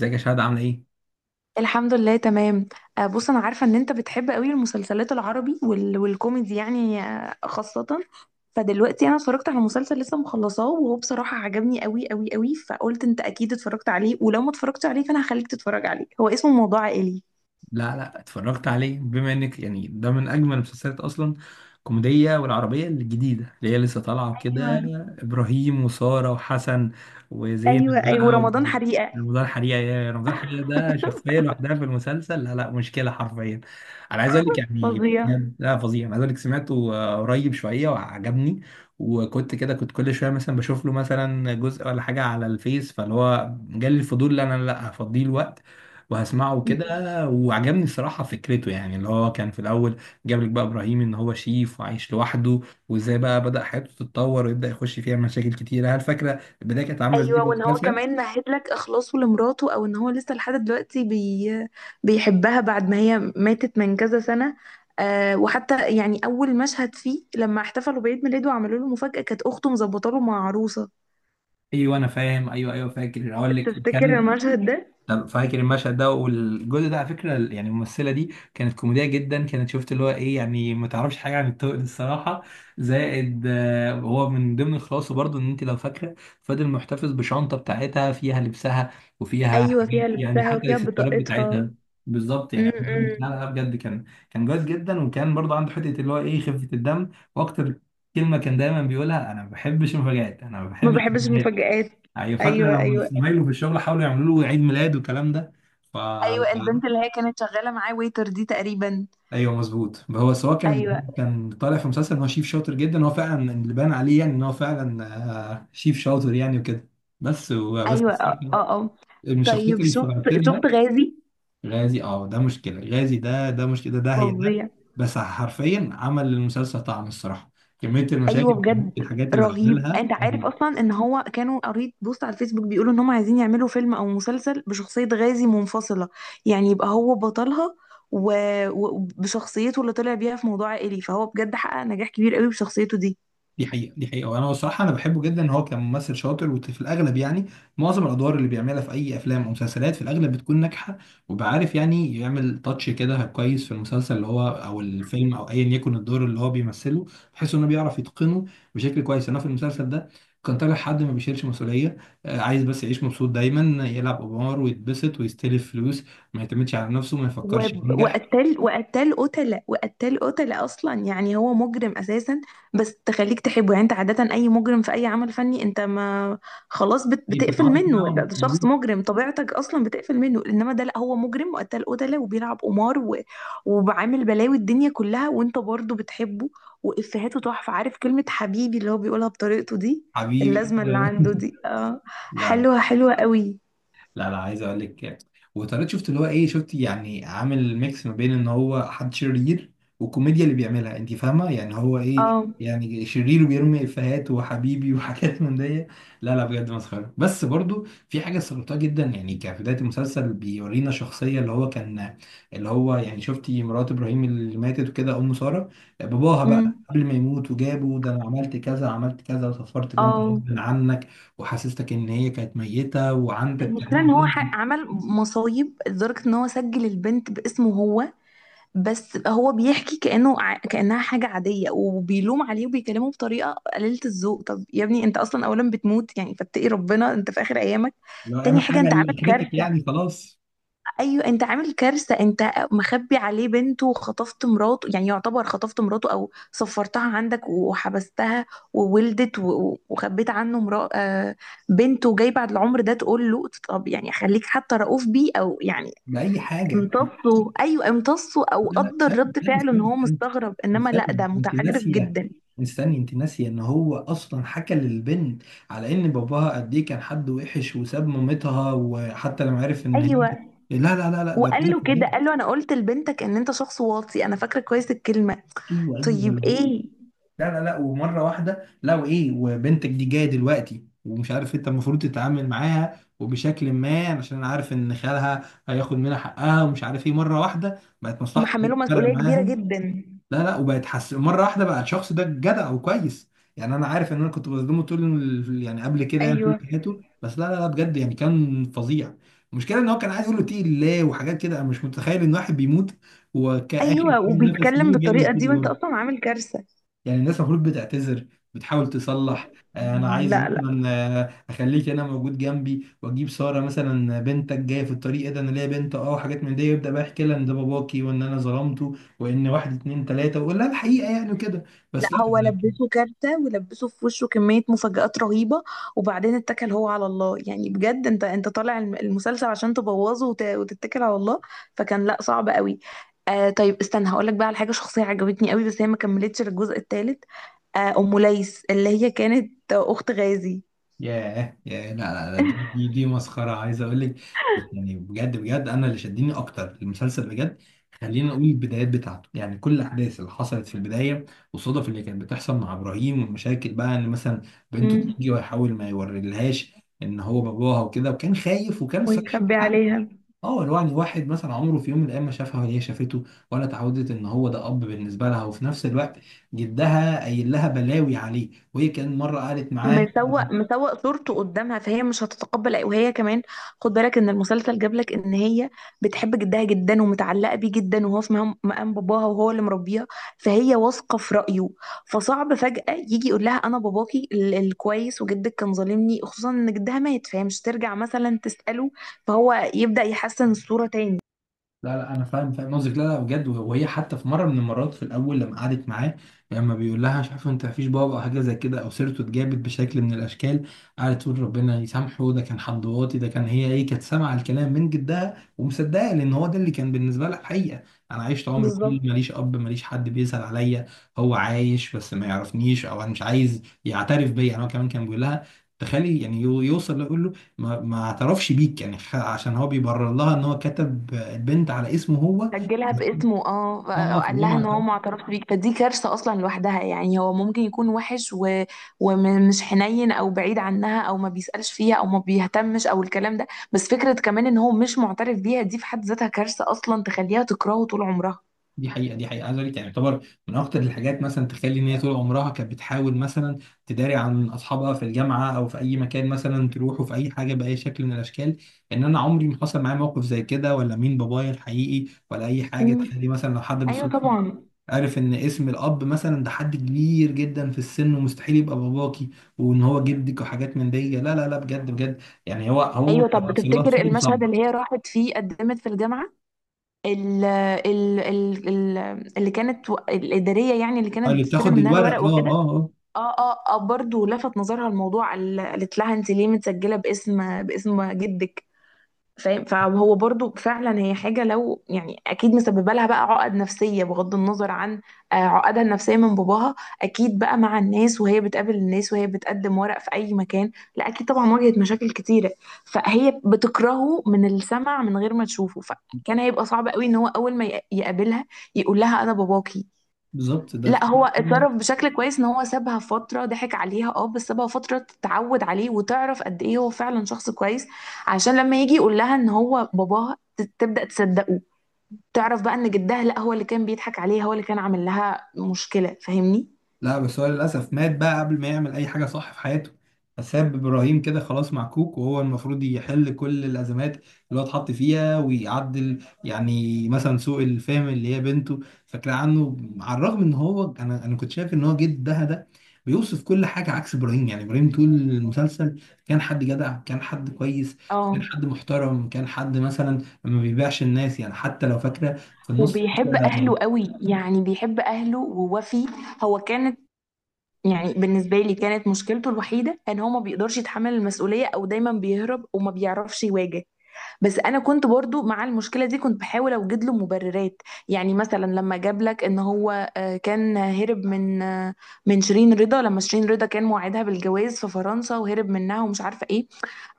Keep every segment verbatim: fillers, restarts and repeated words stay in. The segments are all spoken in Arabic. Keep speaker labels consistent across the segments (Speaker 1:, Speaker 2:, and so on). Speaker 1: ازيك يا شهد، عامله ايه؟
Speaker 2: الحمد لله تمام. آه، بص انا عارفه ان انت بتحب قوي المسلسلات العربي وال... والكوميدي يعني آه، خاصه. فدلوقتي انا اتفرجت على مسلسل لسه مخلصاه، وهو بصراحه عجبني قوي قوي قوي، فقلت انت اكيد اتفرجت عليه، ولو ما اتفرجتش عليه فانا هخليك تتفرج عليه. هو اسمه موضوع عائلي.
Speaker 1: لا لا، اتفرجت عليه بما انك يعني ده من اجمل المسلسلات اصلا. الكوميديه والعربيه الجديده اللي هي لسه طالعه
Speaker 2: ايوه،
Speaker 1: كده. ابراهيم وساره وحسن
Speaker 2: ايوه،
Speaker 1: وزينب
Speaker 2: ايوه،
Speaker 1: بقى
Speaker 2: ورمضان
Speaker 1: و-
Speaker 2: حريقه.
Speaker 1: رمضان حريقه. يا رمضان حريقه ده شخصيه لوحدها في المسلسل. لا لا، مشكله حرفيا. انا عايز اقول لك يعني
Speaker 2: فظيع.
Speaker 1: بجد، لا فظيع. انا عايز اقول لك سمعته آه، قريب شويه وعجبني. وكنت كده كنت كل شويه مثلا بشوف له مثلا جزء ولا حاجه على الفيس، فاللي هو جالي الفضول، لا انا، لا هفضيه الوقت وهسمعه كده. وعجبني الصراحة فكرته، يعني اللي هو كان في الأول جاب لك بقى إبراهيم إن هو شيف وعايش لوحده، وإزاي بقى بدأ حياته تتطور ويبدأ يخش فيها مشاكل كتيرة. هل فاكرة البداية كانت عاملة إزاي
Speaker 2: ايوه،
Speaker 1: في
Speaker 2: وان هو
Speaker 1: المسلسل؟
Speaker 2: كمان مهد لك اخلاصه لمراته، او ان هو لسه لحد دلوقتي بي... بيحبها بعد ما هي ماتت من كذا سنه. آه وحتى يعني اول مشهد فيه لما احتفلوا بعيد ميلاده وعملوا له مفاجاه، كانت اخته مظبطه له مع عروسه.
Speaker 1: أيوه أنا فاهم، أيوه أيوه فاكر، أقول لك
Speaker 2: تفتكر
Speaker 1: كان.
Speaker 2: المشهد ده؟
Speaker 1: أنا فاكر المشهد ده، والجزء ده على فكره يعني الممثله دي كانت كوميديه جدا. كانت شفت اللي هو ايه يعني، ما تعرفش حاجه عن الطوق الصراحه. زائد آه، هو من ضمن الخلاصه برضو ان انت لو فاكره، فضل محتفظ بشنطه بتاعتها فيها لبسها، وفيها
Speaker 2: ايوه،
Speaker 1: حاجات
Speaker 2: فيها
Speaker 1: يعني
Speaker 2: لبسها
Speaker 1: حتى
Speaker 2: وفيها
Speaker 1: الاكسسوارات
Speaker 2: بطاقتها.
Speaker 1: بتاعتها. بالظبط، يعني عايز أقول لك،
Speaker 2: امم
Speaker 1: لا لا بجد، كان كان جاهز جدا. وكان برضو عنده حته اللي هو ايه، خفه الدم. واكتر كلمه كان دايما بيقولها: انا ما بحبش المفاجآت، انا ما
Speaker 2: ما
Speaker 1: بحبش
Speaker 2: بحبش
Speaker 1: المفاجآت.
Speaker 2: المفاجآت.
Speaker 1: ايوه، فاكره
Speaker 2: ايوه،
Speaker 1: لما
Speaker 2: ايوه.
Speaker 1: زمايله في الشغل حاولوا يعملوا له عيد ميلاد والكلام ده. ف
Speaker 2: ايوه، البنت اللي هي كانت شغاله معاه ويتر دي تقريبا.
Speaker 1: ايوه مظبوط. هو سواء كان
Speaker 2: ايوه،
Speaker 1: هو كان طالع في مسلسل ان هو شيف شاطر جدا. هو فعلا اللي بان عليه يعني ان هو فعلا آه، شيف شاطر يعني وكده. بس بس
Speaker 2: ايوه، اه، اه، آه.
Speaker 1: من الشخصيات
Speaker 2: طيب،
Speaker 1: اللي
Speaker 2: شفت؟
Speaker 1: استغربت لها
Speaker 2: شفت غازي؟
Speaker 1: غازي. اه ده مشكله. غازي ده ده مشكله. ده ده هي ده،
Speaker 2: فظيع.
Speaker 1: بس حرفيا عمل للمسلسل طعم الصراحه. كميه المشاكل
Speaker 2: ايوه
Speaker 1: كميه
Speaker 2: بجد.
Speaker 1: الحاجات اللي
Speaker 2: رهيب.
Speaker 1: عملها
Speaker 2: انت عارف
Speaker 1: رهيبة.
Speaker 2: اصلا ان هو كانوا قريت بوست على الفيسبوك بيقولوا ان هم عايزين يعملوا فيلم او مسلسل بشخصية غازي منفصلة؟ يعني يبقى هو بطلها. و- و- وبشخصيته اللي طلع بيها في موضوع عائلي، فهو بجد حقق نجاح كبير قوي بشخصيته دي.
Speaker 1: دي حقيقة دي حقيقة، وانا بصراحة انا بحبه جدا. ان هو كان ممثل شاطر، وفي الاغلب يعني معظم الادوار اللي بيعملها في اي افلام او مسلسلات في الاغلب بتكون ناجحة. وبعرف يعني يعمل تاتش كده كويس في المسلسل اللي هو او الفيلم او ايا يكن الدور اللي هو بيمثله، بحيث انه بيعرف يتقنه بشكل كويس. انا في المسلسل ده كان طالع حد ما بيشيلش مسؤولية. آه، عايز بس يعيش مبسوط دايما، يلعب قمار ويتبسط ويستلف فلوس، ما يعتمدش على نفسه، ما
Speaker 2: و-
Speaker 1: يفكرش ينجح.
Speaker 2: وقتل وقتل قتلة وقتل قتلة، اصلا يعني هو مجرم اساسا. بس تخليك تحبه، يعني انت عادة اي مجرم في اي عمل فني انت ما خلاص بت بتقفل
Speaker 1: يتعاطف
Speaker 2: منه، لا
Speaker 1: معاهم،
Speaker 2: ده شخص
Speaker 1: مظبوط.
Speaker 2: مجرم طبيعتك اصلا بتقفل منه. انما ده لا، هو مجرم وقتل قتلة وبيلعب قمار و... وبعامل بلاوي الدنيا كلها وانت برضه بتحبه. وافهاته تحفة. عارف كلمة حبيبي اللي هو بيقولها بطريقته دي؟
Speaker 1: حبيبي.
Speaker 2: اللازمة اللي عنده دي، اه.
Speaker 1: لا
Speaker 2: حلوة حلوة قوي.
Speaker 1: لا لا، عايز اقول لك. وطارق شفت اللي هو ايه، شفت يعني عامل ميكس ما بين ان هو حد شرير والكوميديا اللي بيعملها. انت فاهمه يعني هو ايه
Speaker 2: اه،
Speaker 1: يعني؟ شرير وبيرمي افيهات وحبيبي وحاجات من دي. لا لا بجد مسخره. بس برضو في حاجه استغربتها جدا، يعني كبدايه المسلسل بيورينا شخصيه اللي هو كان، اللي هو يعني شفتي مرات ابراهيم اللي ماتت وكده، ام ساره. باباها بقى
Speaker 2: امم،
Speaker 1: قبل ما يموت وجابه ده، انا عملت كذا عملت كذا وسفرت بنتي
Speaker 2: اه.
Speaker 1: غصب عنك، وحسستك ان هي كانت ميته، وعندك
Speaker 2: المشكلة ان
Speaker 1: كمان
Speaker 2: هو
Speaker 1: ذهن
Speaker 2: ح- عمل مصايب لدرجة ان هو سجل البنت باسمه هو. بس هو بيحكي كأنه ع- كأنها حاجة عادية، وبيلوم عليه وبيكلمه بطريقة قليلة الذوق. طب يا ابني انت اصلا اولا بتموت، يعني فاتقي ربنا انت في اخر ايامك.
Speaker 1: لو
Speaker 2: تاني
Speaker 1: اعمل
Speaker 2: حاجة،
Speaker 1: حاجه
Speaker 2: انت عامل
Speaker 1: لاخرتك
Speaker 2: كارثة.
Speaker 1: يعني خلاص،
Speaker 2: ايوه، انت عامل كارثه، انت مخبي عليه بنته وخطفت مراته، يعني يعتبر خطفت مراته او سفرتها عندك وحبستها. وولدت و- و- وخبيت عنه مرا... آه، بنته جاي بعد العمر ده تقول له. طب يعني خليك حتى رؤوف بيه، او يعني
Speaker 1: باي حاجه. لا،
Speaker 2: امتصه، ايوه امتصه، او
Speaker 1: لا استنى
Speaker 2: قدر رد
Speaker 1: استنى
Speaker 2: فعله ان
Speaker 1: استنى
Speaker 2: هو
Speaker 1: استنى،
Speaker 2: مستغرب. انما لا،
Speaker 1: استنى
Speaker 2: ده
Speaker 1: انت
Speaker 2: متعجرف
Speaker 1: ناسيه.
Speaker 2: جدا.
Speaker 1: استني انت ناسيه ان هو اصلا حكى للبنت على ان باباها قد ايه كان حد وحش وساب مامتها، وحتى لما عرف ان هي،
Speaker 2: ايوه،
Speaker 1: لا لا لا لا، ده
Speaker 2: وقال
Speaker 1: كده.
Speaker 2: له كده، قال له انا قلت لبنتك ان انت شخص واطي. انا فاكره كويس الكلمه.
Speaker 1: ايوه
Speaker 2: طيب،
Speaker 1: ايوه،
Speaker 2: ايه؟
Speaker 1: لا لا لا. ومره واحده لو ايه وبنتك دي جايه دلوقتي، ومش عارف انت المفروض تتعامل معاها، وبشكل ما عشان انا عارف ان خالها هياخد منها حقها ومش عارف ايه. مره واحده بقت
Speaker 2: هم
Speaker 1: مصلحتك
Speaker 2: حملوا
Speaker 1: فارقه
Speaker 2: مسؤوليه كبيره
Speaker 1: معاها؟
Speaker 2: جدا.
Speaker 1: لا لا، وبقت حس مره واحده بقى الشخص ده جدع وكويس. يعني انا عارف ان انا كنت بظلمه طول ال- يعني قبل كده يعني طول
Speaker 2: ايوه،
Speaker 1: حياته، بس لا لا لا بجد يعني كان فظيع. المشكله ان هو كان عايز يقول له اتقي الله وحاجات كده. انا مش متخيل ان واحد بيموت وكآخر
Speaker 2: ايوه،
Speaker 1: نفس
Speaker 2: وبيتكلم
Speaker 1: ليه بيعمل
Speaker 2: بالطريقه دي وانت
Speaker 1: كده.
Speaker 2: اصلا عامل كارثه.
Speaker 1: يعني الناس المفروض بتعتذر، بتحاول تصلح. آه، انا عايز
Speaker 2: لا، لا،
Speaker 1: مثلا، آه، اخليك انا موجود جنبي، واجيب ساره مثلا. بنتك جايه في الطريق، إيه ده انا ليا بنت، اه وحاجات من دي. يبدا بقى يحكي لها ان ده باباكي وان انا ظلمته، وان واحد اتنين تلاته، ويقول لها الحقيقه يعني وكده.
Speaker 2: لا
Speaker 1: بس لا.
Speaker 2: هو لبسه كارثة، ولبسه في وشه كمية مفاجآت رهيبة. وبعدين اتكل هو على الله، يعني بجد انت انت طالع الم- المسلسل عشان تبوظه وت- وتتكل على الله. فكان، لا، صعب قوي. آه طيب استنى هقولك بقى على حاجة شخصية عجبتني قوي، بس هي ما كملتش للجزء الثالث. آه أم ليس اللي هي كانت أخت غازي.
Speaker 1: ياه ياه، لا لا لا، دي دي دي مسخرة. عايز أقول لك يعني بجد بجد، أنا اللي شدني أكتر المسلسل بجد. خلينا نقول البدايات بتاعته، يعني كل الأحداث اللي حصلت في البداية والصدف اللي كانت بتحصل مع إبراهيم، والمشاكل بقى إن مثلا بنته
Speaker 2: امم
Speaker 1: تيجي ويحاول ما يوريلهاش إن هو باباها وكده، وكان خايف، وكان الصراحة عندك
Speaker 2: ويخبي
Speaker 1: حق.
Speaker 2: عليها.
Speaker 1: اه، لو يعني واحد مثلا عمره في يوم من الأيام ما شافها ولا هي شافته، ولا اتعودت إن هو ده أب بالنسبة لها، وفي نفس الوقت جدها قايل لها بلاوي عليه، وهي كان مرة قالت معاه.
Speaker 2: مسوق مسوق صورته قدامها، فهي مش هتتقبل أي- وهي كمان خد بالك ان المسلسل جاب لك ان هي بتحب جدها جدا ومتعلقه بيه جدا، وهو في مهام- مقام باباها، وهو اللي مربيها. فهي واثقه في رايه. فصعب فجاه يجي يقول لها انا باباكي ال- الكويس، وجدك كان ظالمني. خصوصا ان جدها مات فهي مش ترجع مثلا تساله. فهو يبدا يحسن الصوره تاني.
Speaker 1: لا لا، انا فاهم فاهم قصدك. لا لا بجد. وهي حتى في مره من المرات في الاول لما قعدت معاه، لما بيقول لها مش عارف انت مفيش بابا او حاجه زي كده او سيرته اتجابت بشكل من الاشكال، قعدت تقول ربنا يسامحه، ده كان حد واطي. ده كان، هي ايه، كانت سامعه الكلام من جدها ومصدقه، لان هو ده اللي كان بالنسبه لها الحقيقه. انا عشت عمر كله
Speaker 2: بالظبط.
Speaker 1: ماليش اب، ماليش حد بيسال عليا. هو عايش بس ما يعرفنيش، او انا مش عايز يعترف بيا. يعني هو كمان كان بيقول لها، تخيلي يعني، يو- يوصل يقول له ما ما اعترفش بيك يعني، خ- عشان هو بيبرر لها ان هو كتب البنت على اسمه هو.
Speaker 2: سجلها باسمه، اه، ف-
Speaker 1: اه آه،
Speaker 2: قال
Speaker 1: فهو
Speaker 2: لها
Speaker 1: ما
Speaker 2: ان هو
Speaker 1: اعترف.
Speaker 2: ما اعترفش بيك. فدي كارثه اصلا لوحدها، يعني هو ممكن يكون وحش و... ومش حنين، او بعيد عنها، او ما بيسالش فيها، او ما بيهتمش، او الكلام ده. بس فكره كمان ان هو مش معترف بيها، دي في حد ذاتها كارثه اصلا تخليها تكرهه طول عمرها.
Speaker 1: دي حقيقه دي حقيقه، عايز اقول لك، يعني يعتبر من اكتر الحاجات مثلا تخلي ان هي طول عمرها كانت بتحاول مثلا تداري عن اصحابها في الجامعه او في اي مكان، مثلا تروحوا في اي حاجه باي شكل من الاشكال. ان انا عمري ما حصل معايا موقف زي كده، ولا مين بابايا الحقيقي ولا اي حاجه.
Speaker 2: مم.
Speaker 1: تخلي مثلا لو حد
Speaker 2: ايوه
Speaker 1: بالصدفه
Speaker 2: طبعا.
Speaker 1: عارف ان اسم الاب مثلا ده حد كبير جدا في السن ومستحيل يبقى باباكي، وان هو جدك وحاجات من دي. لا لا لا بجد بجد، يعني هو هو
Speaker 2: ايوه، طب
Speaker 1: بيوصل لها
Speaker 2: تفتكر
Speaker 1: صوره
Speaker 2: المشهد
Speaker 1: صعبه.
Speaker 2: اللي هي راحت فيه قدمت في الجامعه؟ ال ال ال ال اللي كانت، و- الاداريه يعني اللي كانت
Speaker 1: اللي
Speaker 2: بتستلم
Speaker 1: بتاخد
Speaker 2: منها
Speaker 1: الورق،
Speaker 2: الورق
Speaker 1: اه
Speaker 2: وكده.
Speaker 1: اه اه.
Speaker 2: اه، اه، اه، برضه لفت نظرها الموضوع. ال- قالت لها انت ليه متسجله باسم باسم جدك؟ فاهم؟ فهو برضه فعلا، هي حاجه لو يعني اكيد مسببه لها بقى عقد نفسيه، بغض النظر عن آه، عقدها النفسيه من باباها. اكيد بقى مع الناس، وهي بتقابل الناس، وهي بتقدم ورق في اي مكان. لا، اكيد طبعا واجهت مشاكل كتيره. فهي بتكرهه من السمع من غير ما تشوفه، فكان هيبقى صعب قوي ان هو اول ما يق- يقابلها يقول لها انا باباكي.
Speaker 1: بالظبط، ده
Speaker 2: لا، هو
Speaker 1: كده.
Speaker 2: اتصرف بشكل كويس، ان هو سابها فترة ضحك عليها، اه، بس سابها فترة تتعود عليه وتعرف قد ايه هو فعلا شخص كويس. عشان لما يجي يقول لها ان هو باباها ت- تبدأ تصدقه. تعرف بقى ان جدها، لا، هو اللي كان بيضحك عليها، هو اللي كان عامل لها مشكلة. فاهمني؟
Speaker 1: لا بس هو للأسف مات بقى قبل ما يعمل أي حاجة صح في حياته. فساب إبراهيم كده خلاص معكوك، وهو المفروض يحل كل الأزمات اللي هو اتحط فيها ويعدل يعني مثلا سوء الفهم اللي هي بنته فاكرة عنه، على الرغم إن هو، أنا أنا كنت شايف إن هو جدها ده بيوصف كل حاجة عكس إبراهيم. يعني إبراهيم طول المسلسل كان حد جدع، كان حد كويس، كان
Speaker 2: اه،
Speaker 1: حد محترم، كان حد مثلا ما بيبيعش الناس، يعني حتى لو فاكرة في النص
Speaker 2: وبيحب
Speaker 1: كده،
Speaker 2: اهله قوي، يعني بيحب اهله ووفي. هو كانت... يعني بالنسبة لي كانت مشكلته الوحيدة ان هو ما بيقدرش يتحمل المسؤولية، او دايما بيهرب وما بيعرفش يواجه. بس انا كنت برضو مع المشكله دي كنت بحاول اوجد له مبررات. يعني مثلا لما جاب لك ان هو آه، كان هرب من آه، من شيرين رضا، لما شيرين رضا كان موعدها بالجواز في فرنسا وهرب منها ومش عارفه ايه.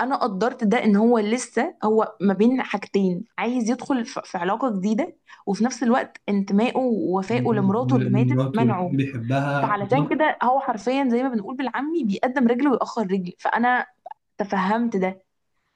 Speaker 2: انا قدرت ده، ان هو لسه هو ما بين حاجتين، عايز يدخل ف- في علاقه جديده، وفي نفس الوقت انتمائه ووفائه لمراته اللي ماتت
Speaker 1: لمراته اللي
Speaker 2: منعه.
Speaker 1: بيحبها.
Speaker 2: فعلشان كده هو حرفيا زي ما بنقول بالعامي، بيقدم رجل ويأخر رجل. فانا تفهمت ده.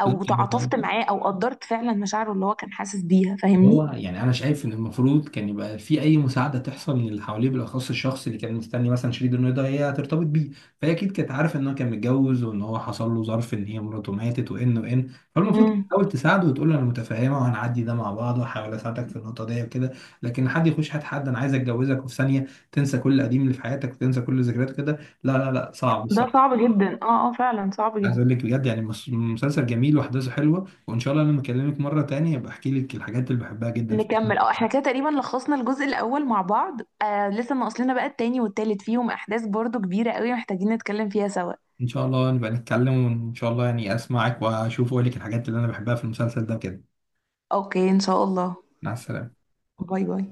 Speaker 2: او
Speaker 1: انت،
Speaker 2: تعاطفت معاه، او قدرت فعلا مشاعره اللي هو كان حاسس بيها.
Speaker 1: هو
Speaker 2: فاهمني؟
Speaker 1: يعني انا شايف ان المفروض كان يبقى في اي مساعده تحصل من اللي حواليه، بالاخص الشخص اللي كان مستني مثلا شريك انه ده هي هترتبط بيه. فهي اكيد كانت عارفه ان هو كان متجوز، وان هو حصل له ظرف ان هي مراته ماتت، وان وان. فالمفروض كانت
Speaker 2: امم
Speaker 1: تحاول تساعده وتقول له انا متفهمه، وهنعدي ده مع بعض، وهحاول اساعدك في النقطه دي وكده. لكن حد يخش، حد حد انا عايز اتجوزك، وفي ثانيه تنسى كل قديم اللي في حياتك وتنسى كل ذكريات كده، لا لا لا صعب.
Speaker 2: ده صعب جدا، اه، اه، فعلا صعب
Speaker 1: عايز
Speaker 2: جدا.
Speaker 1: اقول لك بجد، يعني مس- مسلسل جميل واحداثه حلوه، وان شاء الله لما اكلمك مره تانية ابقى احكي لك الحاجات اللي بحبها جدا في
Speaker 2: نكمل، اه،
Speaker 1: المسلسل.
Speaker 2: احنا كده تقريبا لخصنا الجزء الاول مع بعض. آه لسه ناقص لنا بقى التاني والتالت، فيهم احداث برضو كبيرة قوي محتاجين نتكلم فيها سوا.
Speaker 1: ان شاء الله نبقى نتكلم، وان شاء الله يعني اسمعك واشوف واقول لك الحاجات اللي انا بحبها في المسلسل ده كده.
Speaker 2: اوكي ان شاء الله.
Speaker 1: مع السلامه
Speaker 2: باي باي.